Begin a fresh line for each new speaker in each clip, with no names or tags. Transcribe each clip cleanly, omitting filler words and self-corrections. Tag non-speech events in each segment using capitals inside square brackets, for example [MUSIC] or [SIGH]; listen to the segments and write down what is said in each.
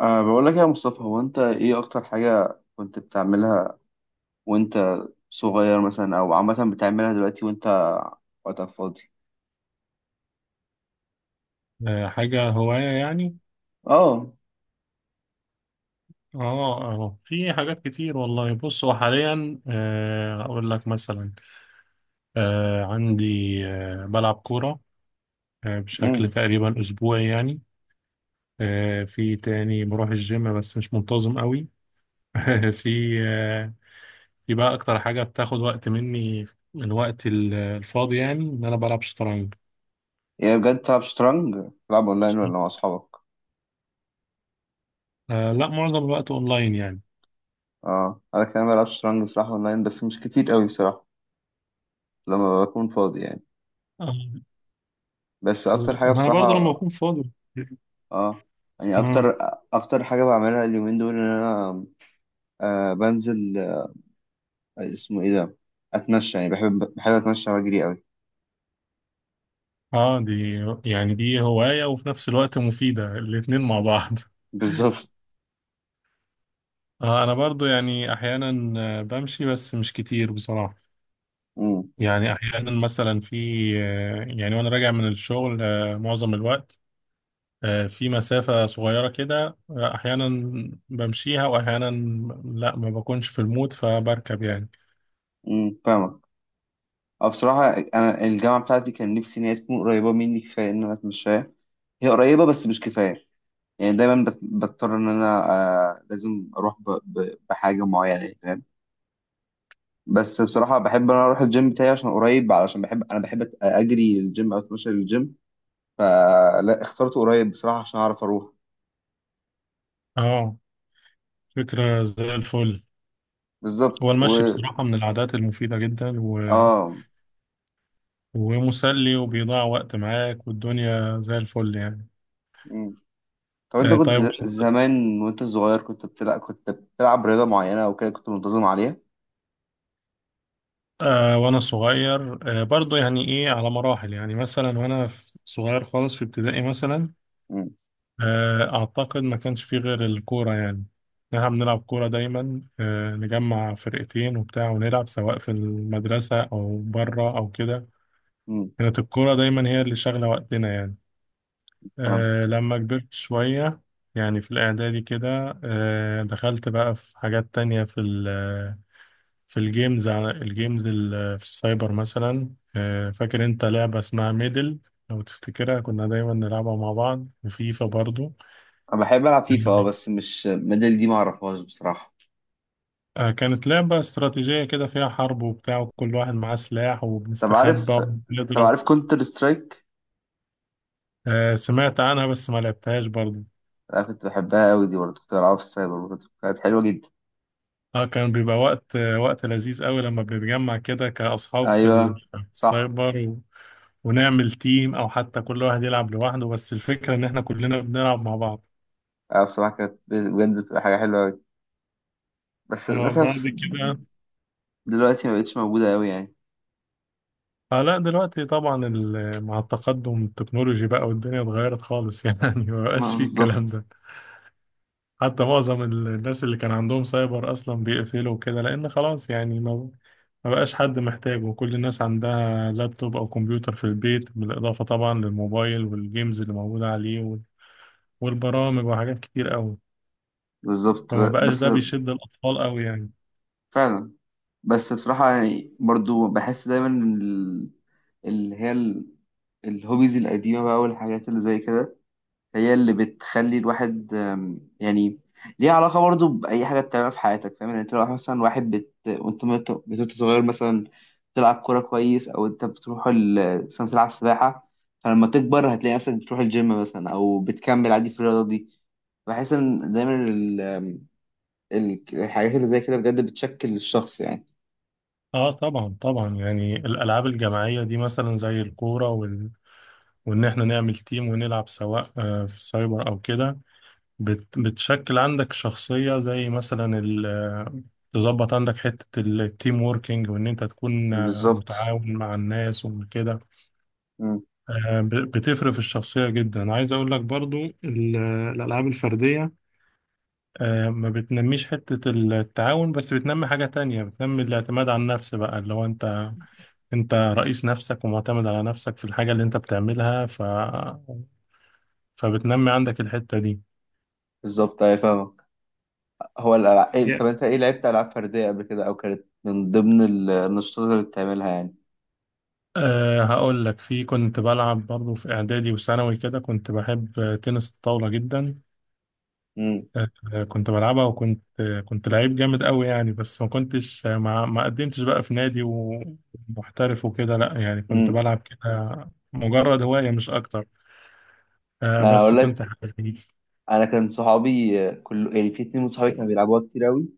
بقول لك يا مصطفى، هو أنت إيه أكتر حاجة كنت بتعملها وأنت صغير مثلا، أو عامة بتعملها دلوقتي وأنت وقتك فاضي؟
آه، حاجة هواية يعني.
أه.
اه في حاجات كتير والله. بص، هو حاليا اقول لك مثلا. آه، عندي آه، بلعب كورة بشكل
أمم.
تقريبا اسبوعي يعني. في تاني بروح الجيم بس مش منتظم قوي. [LAUGHS] في آه، في بقى اكتر حاجة بتاخد وقت مني من وقت الفاضي يعني، ان انا بلعب شطرنج.
يعني بجد بتلعب شطرنج؟ بتلعب أونلاين ولا مع أصحابك؟
لا، معظم الوقت اونلاين يعني.
أنا كمان بلعب شطرنج بصراحة، أونلاين بس مش كتير قوي بصراحة، لما بكون فاضي يعني.
آه،
بس أكتر
لا،
حاجة
ما انا برضه لما
بصراحة.
بكون فاضي.
أه. يعني
آه.
أكتر حاجة بعملها اليومين دول إن أنا بنزل، اسمه إيه ده؟ أتمشى يعني، بحب أتمشى وأجري قوي.
اه دي يعني دي هواية وفي نفس الوقت مفيدة، الاتنين مع بعض [LAUGHS]
بالظبط.
انا برضو يعني احيانا بمشي بس مش كتير بصراحة.
مم.
يعني احيانا مثلا في آه، يعني وانا راجع من الشغل معظم الوقت، في مسافة صغيرة كده، احيانا بمشيها واحيانا لا، ما بكونش في المود فبركب يعني.
فاهمك. اه بصراحة أنا الجامعة بتاعتي كان نفسي إن هي تكون قريبة مني كفاية إن أنا أتمشاها. هي قريبة بس مش كفاية. يعني دايما بضطر إن أنا لازم أروح بحاجة معينة يعني، فاهم. بس بصراحة بحب إن أنا أروح الجيم بتاعي عشان قريب، علشان بحب أجري الجيم أو أتمشى للجيم. فلا اخترت قريب بصراحة عشان أعرف أروح.
اه، فكرة زي الفل. هو
بالظبط
المشي
و.
بصراحة من العادات المفيدة جدا و...
آه.
ومسلي، وبيضيع وقت معاك والدنيا زي الفل يعني.
مم. طب أنت كنت
طيب،
زمان وأنت صغير كنت بتلعب رياضة معينة أو كده كنت منتظم عليها؟
وانا صغير برضو يعني ايه، على مراحل. يعني مثلا وانا صغير خالص، في ابتدائي مثلا.
امم.
اعتقد ما كانش فيه غير الكورة يعني. احنا بنلعب كورة دايما، نجمع فرقتين وبتاع، ونلعب سواء في المدرسة او بره او كده.
امم.
كانت الكورة دايما هي اللي شاغلة وقتنا يعني. لما كبرت شوية، يعني في الاعدادي كده، دخلت بقى في حاجات تانية. في الجيمز، على في السايبر مثلا. فاكر انت لعبة اسمها ميدل؟ لو تفتكرها كنا دايما نلعبها مع بعض، وفيفا برضو.
انا بحب العب فيفا، بس مش ميدل دي، ما اعرفهاش بصراحه.
كانت لعبة استراتيجية كده، فيها حرب وبتاع، وكل واحد معاه سلاح،
طب
وبنستخبى
عارف طب
وبنضرب.
عارف كونتر سترايك.
سمعت عنها بس ما لعبتهاش برضو.
انا كنت بحبها قوي دي برضه، كنت بلعبها في السايبر برضه، كانت حلوه جدا.
اه، كان بيبقى وقت وقت لذيذ قوي لما بنتجمع كده كأصحاب في ال-
ايوه.
في
صح.
السايبر، و- ونعمل تيم او حتى كل واحد يلعب لوحده، بس الفكرة ان احنا كلنا بنلعب مع بعض.
اه بصراحه كانت بجد بتبقى حاجه حلوه قوي، بس
بعد
للاسف
كده
دلوقتي ما بقتش موجوده قوي يعني.
اه، لا دلوقتي طبعا، مع التقدم التكنولوجي بقى، والدنيا اتغيرت خالص [LAUGHS] يعني ما بقاش
ما
فيه الكلام
بالظبط.
ده. حتى معظم الناس اللي كان عندهم سايبر اصلا بيقفلوا كده، لان خلاص يعني ما بقاش حد محتاجه. وكل الناس عندها لابتوب او كمبيوتر في البيت، بالاضافة طبعا للموبايل والجيمز اللي موجودة عليه وال- والبرامج، وحاجات كتير قوي.
بالظبط.
فما بقاش
بس.
ده بيشد الاطفال قوي يعني.
فعلا. بس بصراحه يعني برضه بحس دايما إن اللي هي الهوبيز القديمه بقى والحاجات اللي زي كده، هي اللي بتخلي الواحد يعني ليها علاقة برضو بأي حاجة بتعملها في حياتك، فاهم يعني، انت لو مثلا واحد وانت وانت صغير مثلا بتلعب كورة كويس، أو انت بتروح مثلا بتلعب سباحة، فلما تكبر هتلاقي نفسك بتروح الجيم مثلا أو بتكمل عادي في الرياضة دي. بحس إن دايما الحاجات اللي زي كده بجد بتشكل الشخص يعني.
اه طبعا طبعا، يعني الالعاب الجماعية دي مثلا زي الكورة، وإن إحنا نعمل تيم ونلعب سواء في سايبر أو كده، بتشكل عندك شخصية، زي مثلا تظبط عندك حتة التيم ووركينج، وإن أنت تكون
بالظبط.
متعاون مع الناس وكده.
مم.
بتفرق في الشخصية جدا، عايز أقول لك برضو الألعاب الفردية ما بتنميش حتة التعاون، بس بتنمي حاجة تانية، بتنمي الاعتماد على النفس بقى، اللي هو انت رئيس نفسك ومعتمد على نفسك في الحاجة اللي انت بتعملها. فبتنمي عندك الحتة دي.
بالظبط، أيوة فاهمك. هو الألعاب
يا-
طب أنت إيه لعبت ألعاب فردية قبل كده، أو كانت من ضمن النشاطات اللي بتعملها يعني؟
هقول لك. في، كنت بلعب برضه في إعدادي وثانوي كده، كنت بحب تنس الطاولة جدا. أه كنت بلعبها، وكنت آه، كنت لعيب جامد قوي يعني، بس ما كنتش ما قدمتش بقى في نادي ومحترف وكده، لا يعني كنت
امم.
بلعب كده مجرد هواية مش أكتر.
انا
بس
اقول
كنت
لك.
حبيب
انا كان صحابي، كل يعني في 2 من صحابي كانوا بيلعبوها كتير قوي،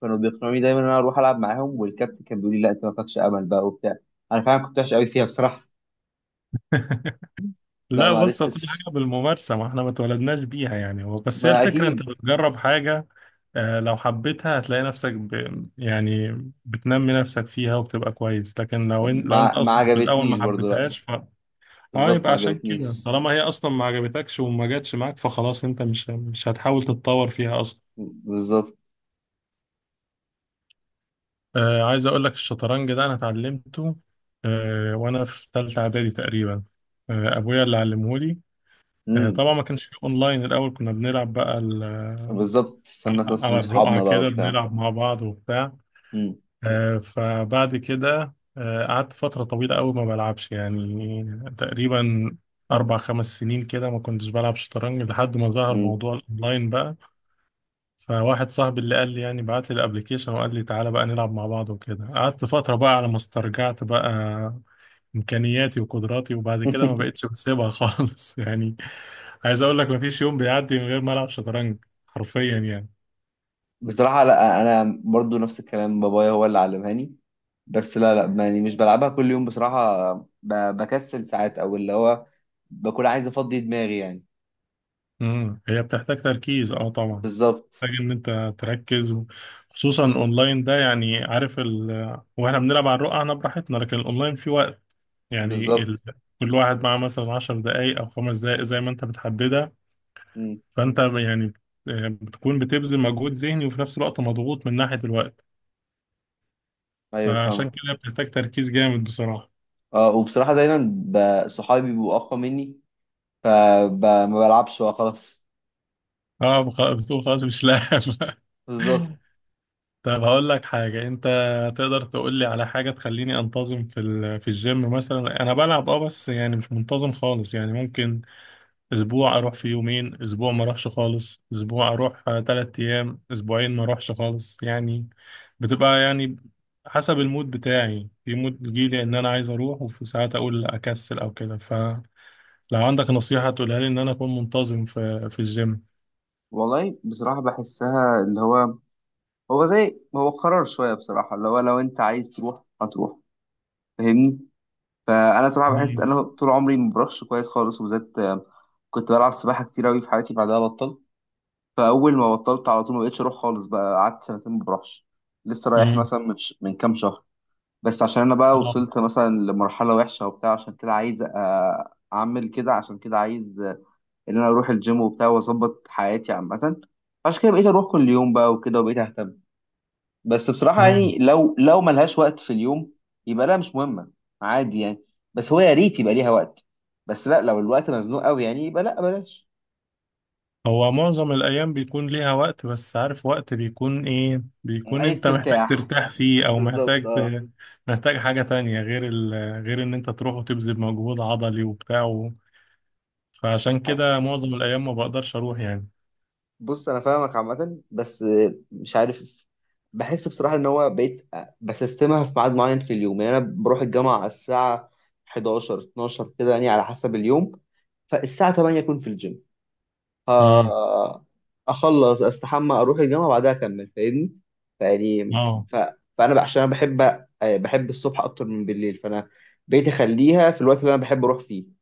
كانوا بيقنعوني دايما ان انا اروح العب معاهم، والكابتن كان بيقول لي لا انت ما فيكش امل بقى وبتاع. انا فعلا كنت وحش قوي فيها بصراحه. [LAUGHS]
[LAUGHS]
لا
لا،
ما
بص هو كل
عرفتش.
حاجة بالممارسة، ما احنا ما اتولدناش بيها يعني، هو بس هي
ما
الفكرة،
اكيد.
انت بتجرب حاجة لو حبيتها هتلاقي نفسك يعني بتنمي نفسك فيها وبتبقى كويس. لكن لو انت
ما
اصلا في الاول
عجبتنيش
ما
برضو، لا.
حبيتهاش اه
بالظبط
يبقى
ما
عشان كده،
عجبتنيش.
طالما هي اصلا ما عجبتكش وما جاتش معاك فخلاص انت مش هتحاول تتطور فيها اصلا.
بالظبط.
عايز اقول لك، الشطرنج ده انا اتعلمته وانا في ثالثة اعدادي تقريبا. ابويا اللي علمهولي.
امم.
طبعا ما كانش في اونلاين، الاول كنا بنلعب بقى
بالظبط، استنى ناس من
على الرقعة
صحابنا بقى
كده
وبتاع.
بنلعب مع بعض وبتاع.
امم.
فبعد كده قعدت فترة طويلة قوي ما بلعبش يعني. تقريبا 4 5 سنين كده ما كنتش بلعب شطرنج لحد ما ظهر
امم.
موضوع الأونلاين بقى. فواحد صاحبي اللي قال لي، يعني بعت لي الأبليكيشن وقال لي تعالى بقى نلعب مع بعض، وكده قعدت فترة بقى على ما استرجعت بقى امكانياتي وقدراتي. وبعد كده ما
[LAUGHS]
بقتش بسيبها [LAUGHS] خالص يعني. عايز اقول لك، ما فيش يوم بيعدي من غير ما العب شطرنج، حرفيا يعني.
بصراحة لا، أنا برضو نفس الكلام، بابايا هو اللي علمهاني. بس لا، لا، يعني مش بلعبها كل يوم بصراحة. بكسل ساعات، أو اللي هو بكون عايز أفضي دماغي يعني.
هي بتحتاج تركيز، اه طبعا،
بالظبط.
محتاج ان انت تركز خصوصا اونلاين ده. يعني عارف، واحنا بنلعب على الرقعة انا براحتنا، لكن الاونلاين في وقت، يعني
بالظبط.
كل واحد معاه مثلا 10 دقايق او 5 دقايق زي ما انت بتحددها.
مم.
فانت يعني بتكون بتبذل مجهود ذهني وفي نفس الوقت مضغوط من ناحية الوقت.
أيوه
فعشان
فاهمة.
كده بتحتاج تركيز جامد بصراحة.
وبصراحة دايما صحابي بيبقوا أقوى مني، فما بلعبش بقى خلاص.
بتقول خلاص مش لاعب [LAUGHS]
بالظبط.
طب هقول لك حاجة، انت تقدر تقول لي على حاجة تخليني انتظم في في الجيم مثلا؟ انا بلعب اه، بس يعني مش منتظم خالص يعني. ممكن اسبوع اروح في يومين، اسبوع ما اروحش خالص، اسبوع اروح 3 ايام، اسبوعين ما اروحش خالص يعني. بتبقى يعني حسب المود بتاعي، في مود بيجيلي ان انا عايز اروح، وفي ساعات اقول اكسل او كده. فلو عندك نصيحة تقولها لي ان انا اكون منتظم في الجيم.
والله بصراحة بحسها اللي هو زي هو قرار شوية بصراحة، اللي هو لو أنت عايز تروح هتروح، فاهمني. فانا صراحه بحس ان
مم.
انا طول عمري ما بروحش كويس خالص، وبالذات كنت بلعب سباحه كتير قوي في حياتي بعدها بطلت. فاول ما بطلت على طول ما بقتش اروح خالص بقى، قعدت سنتين ما بروحش. لسه رايح
مم.
مثلا من من كام شهر. بس عشان انا بقى وصلت مثلا لمرحله وحشه وبتاع، عشان كده عايز اعمل كده، عشان كده عايز ان انا اروح الجيم وبتاع واظبط حياتي عامه. عشان كده بقيت اروح كل يوم بقى وكده، وبقيت اهتم. بس بصراحة
اه،
يعني لو ملهاش وقت في اليوم يبقى لا مش مهمة، عادي يعني. بس هو يا ريت يبقى ليها وقت، بس لا، لو الوقت مزنوق قوي يعني يبقى لا بلاش.
هو معظم الأيام بيكون ليها وقت، بس عارف وقت بيكون إيه، بيكون
عايز
أنت محتاج
ترتاح.
ترتاح فيه، أو
بالظبط،
محتاج
اه.
محتاج حاجة تانية غير غير إن أنت تروح وتبذل مجهود عضلي وبتاع فعشان
أنا-
كده معظم الأيام ما بقدرش أروح يعني.
بص انا فاهمك عامة، بس مش عارف. بحس بصراحة ان هو بقيت بسستمها في ميعاد معين في اليوم، يعني انا بروح الجامعة على الساعة 11 12 كده يعني، على حسب اليوم. فالساعة 8 اكون في الجيم.
امم
آه، اخلص استحمى اروح الجامعه بعدها اكمل، فاهمني. فيعني
اه
ف... فانا عشان انا بحب الصبح اكتر من بالليل، فانا بقيت اخليها في الوقت اللي انا بحب اروح فيه.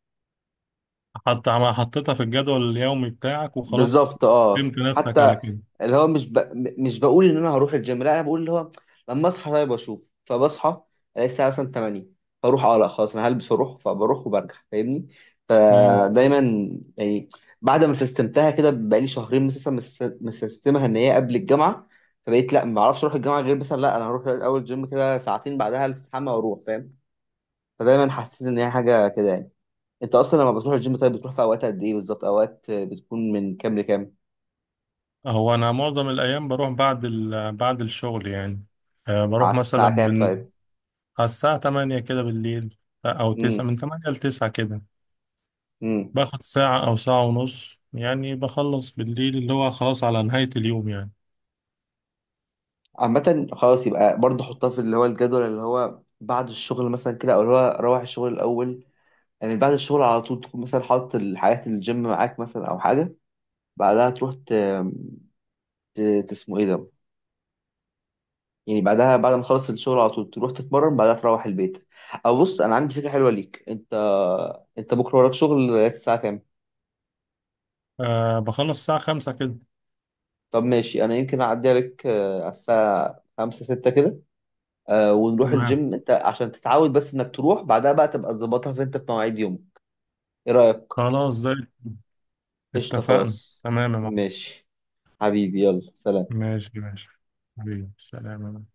حطيتها في الجدول اليومي بتاعك، وخلاص
بالظبط، اه.
استسلمت نفسك
حتى
على كده.
اللي هو مش ب... م- مش بقول ان انا هروح الجيم، لا انا بقول اللي هو لما اصحى طيب اشوف، فبصحى الاقي الساعه مثلا 8، فاروح. اه لا خلاص انا هلبس واروح، فبروح وبرجع، فاهمني.
امم
ايوه فدايما يعني، بعد ما سيستمتها كده بقالي شهرين مثلا، مسيستمها ان هي قبل الجامعه. فبقيت لا ما اعرفش اروح الجامعه غير مثلا، لا انا هروح اول جيم كده ساعتين بعدها الاستحمى واروح، فاهم. فدايما حسيت ان هي حاجه كده يعني. انت اصلا لما بتروح الجيم طيب بتروح في اوقات قد ايه بالظبط، اوقات بتكون من كام لكام؟
هو أنا معظم الأيام بروح بعد بعد الشغل يعني.
على
بروح مثلا
الساعه كام طيب؟
على الساعة 8 كده بالليل، أو
امم.
9، من تمانية لتسعة كده.
إمم.
باخد ساعة أو ساعة ونص يعني، بخلص بالليل اللي هو خلاص على نهاية اليوم يعني.
عامة خلاص يبقى برضه حطها في اللي هو الجدول اللي هو بعد الشغل مثلا كده، او اللي هو روح الشغل الاول. يعني بعد الشغل على طول تكون مثلا حاطط الحاجات الجيم معاك مثلا، او حاجة، بعدها تروح اسمه ايه ده، يعني بعدها بعد ما تخلص الشغل على طول تروح تتمرن، بعدها تروح البيت. او بص، انا عندي فكرة حلوة ليك. انت بكرة وراك شغل لغاية الساعة كام؟
بخلص الساعة 5 كده.
طب ماشي، انا يمكن اعدي عليك على الساعة 5 6 كده، ونروح
تمام،
الجيم انت، عشان تتعود. بس انك تروح بعدها بقى تبقى تظبطها في انت في مواعيد يوم. ايه رأيك؟
خلاص زي،
قشطة،
اتفقنا.
خلاص.
تمام يا معلم.
ماشي. حبيبي يلا، سلام.
ماشي ماشي، حبيبي سلام يا معلم.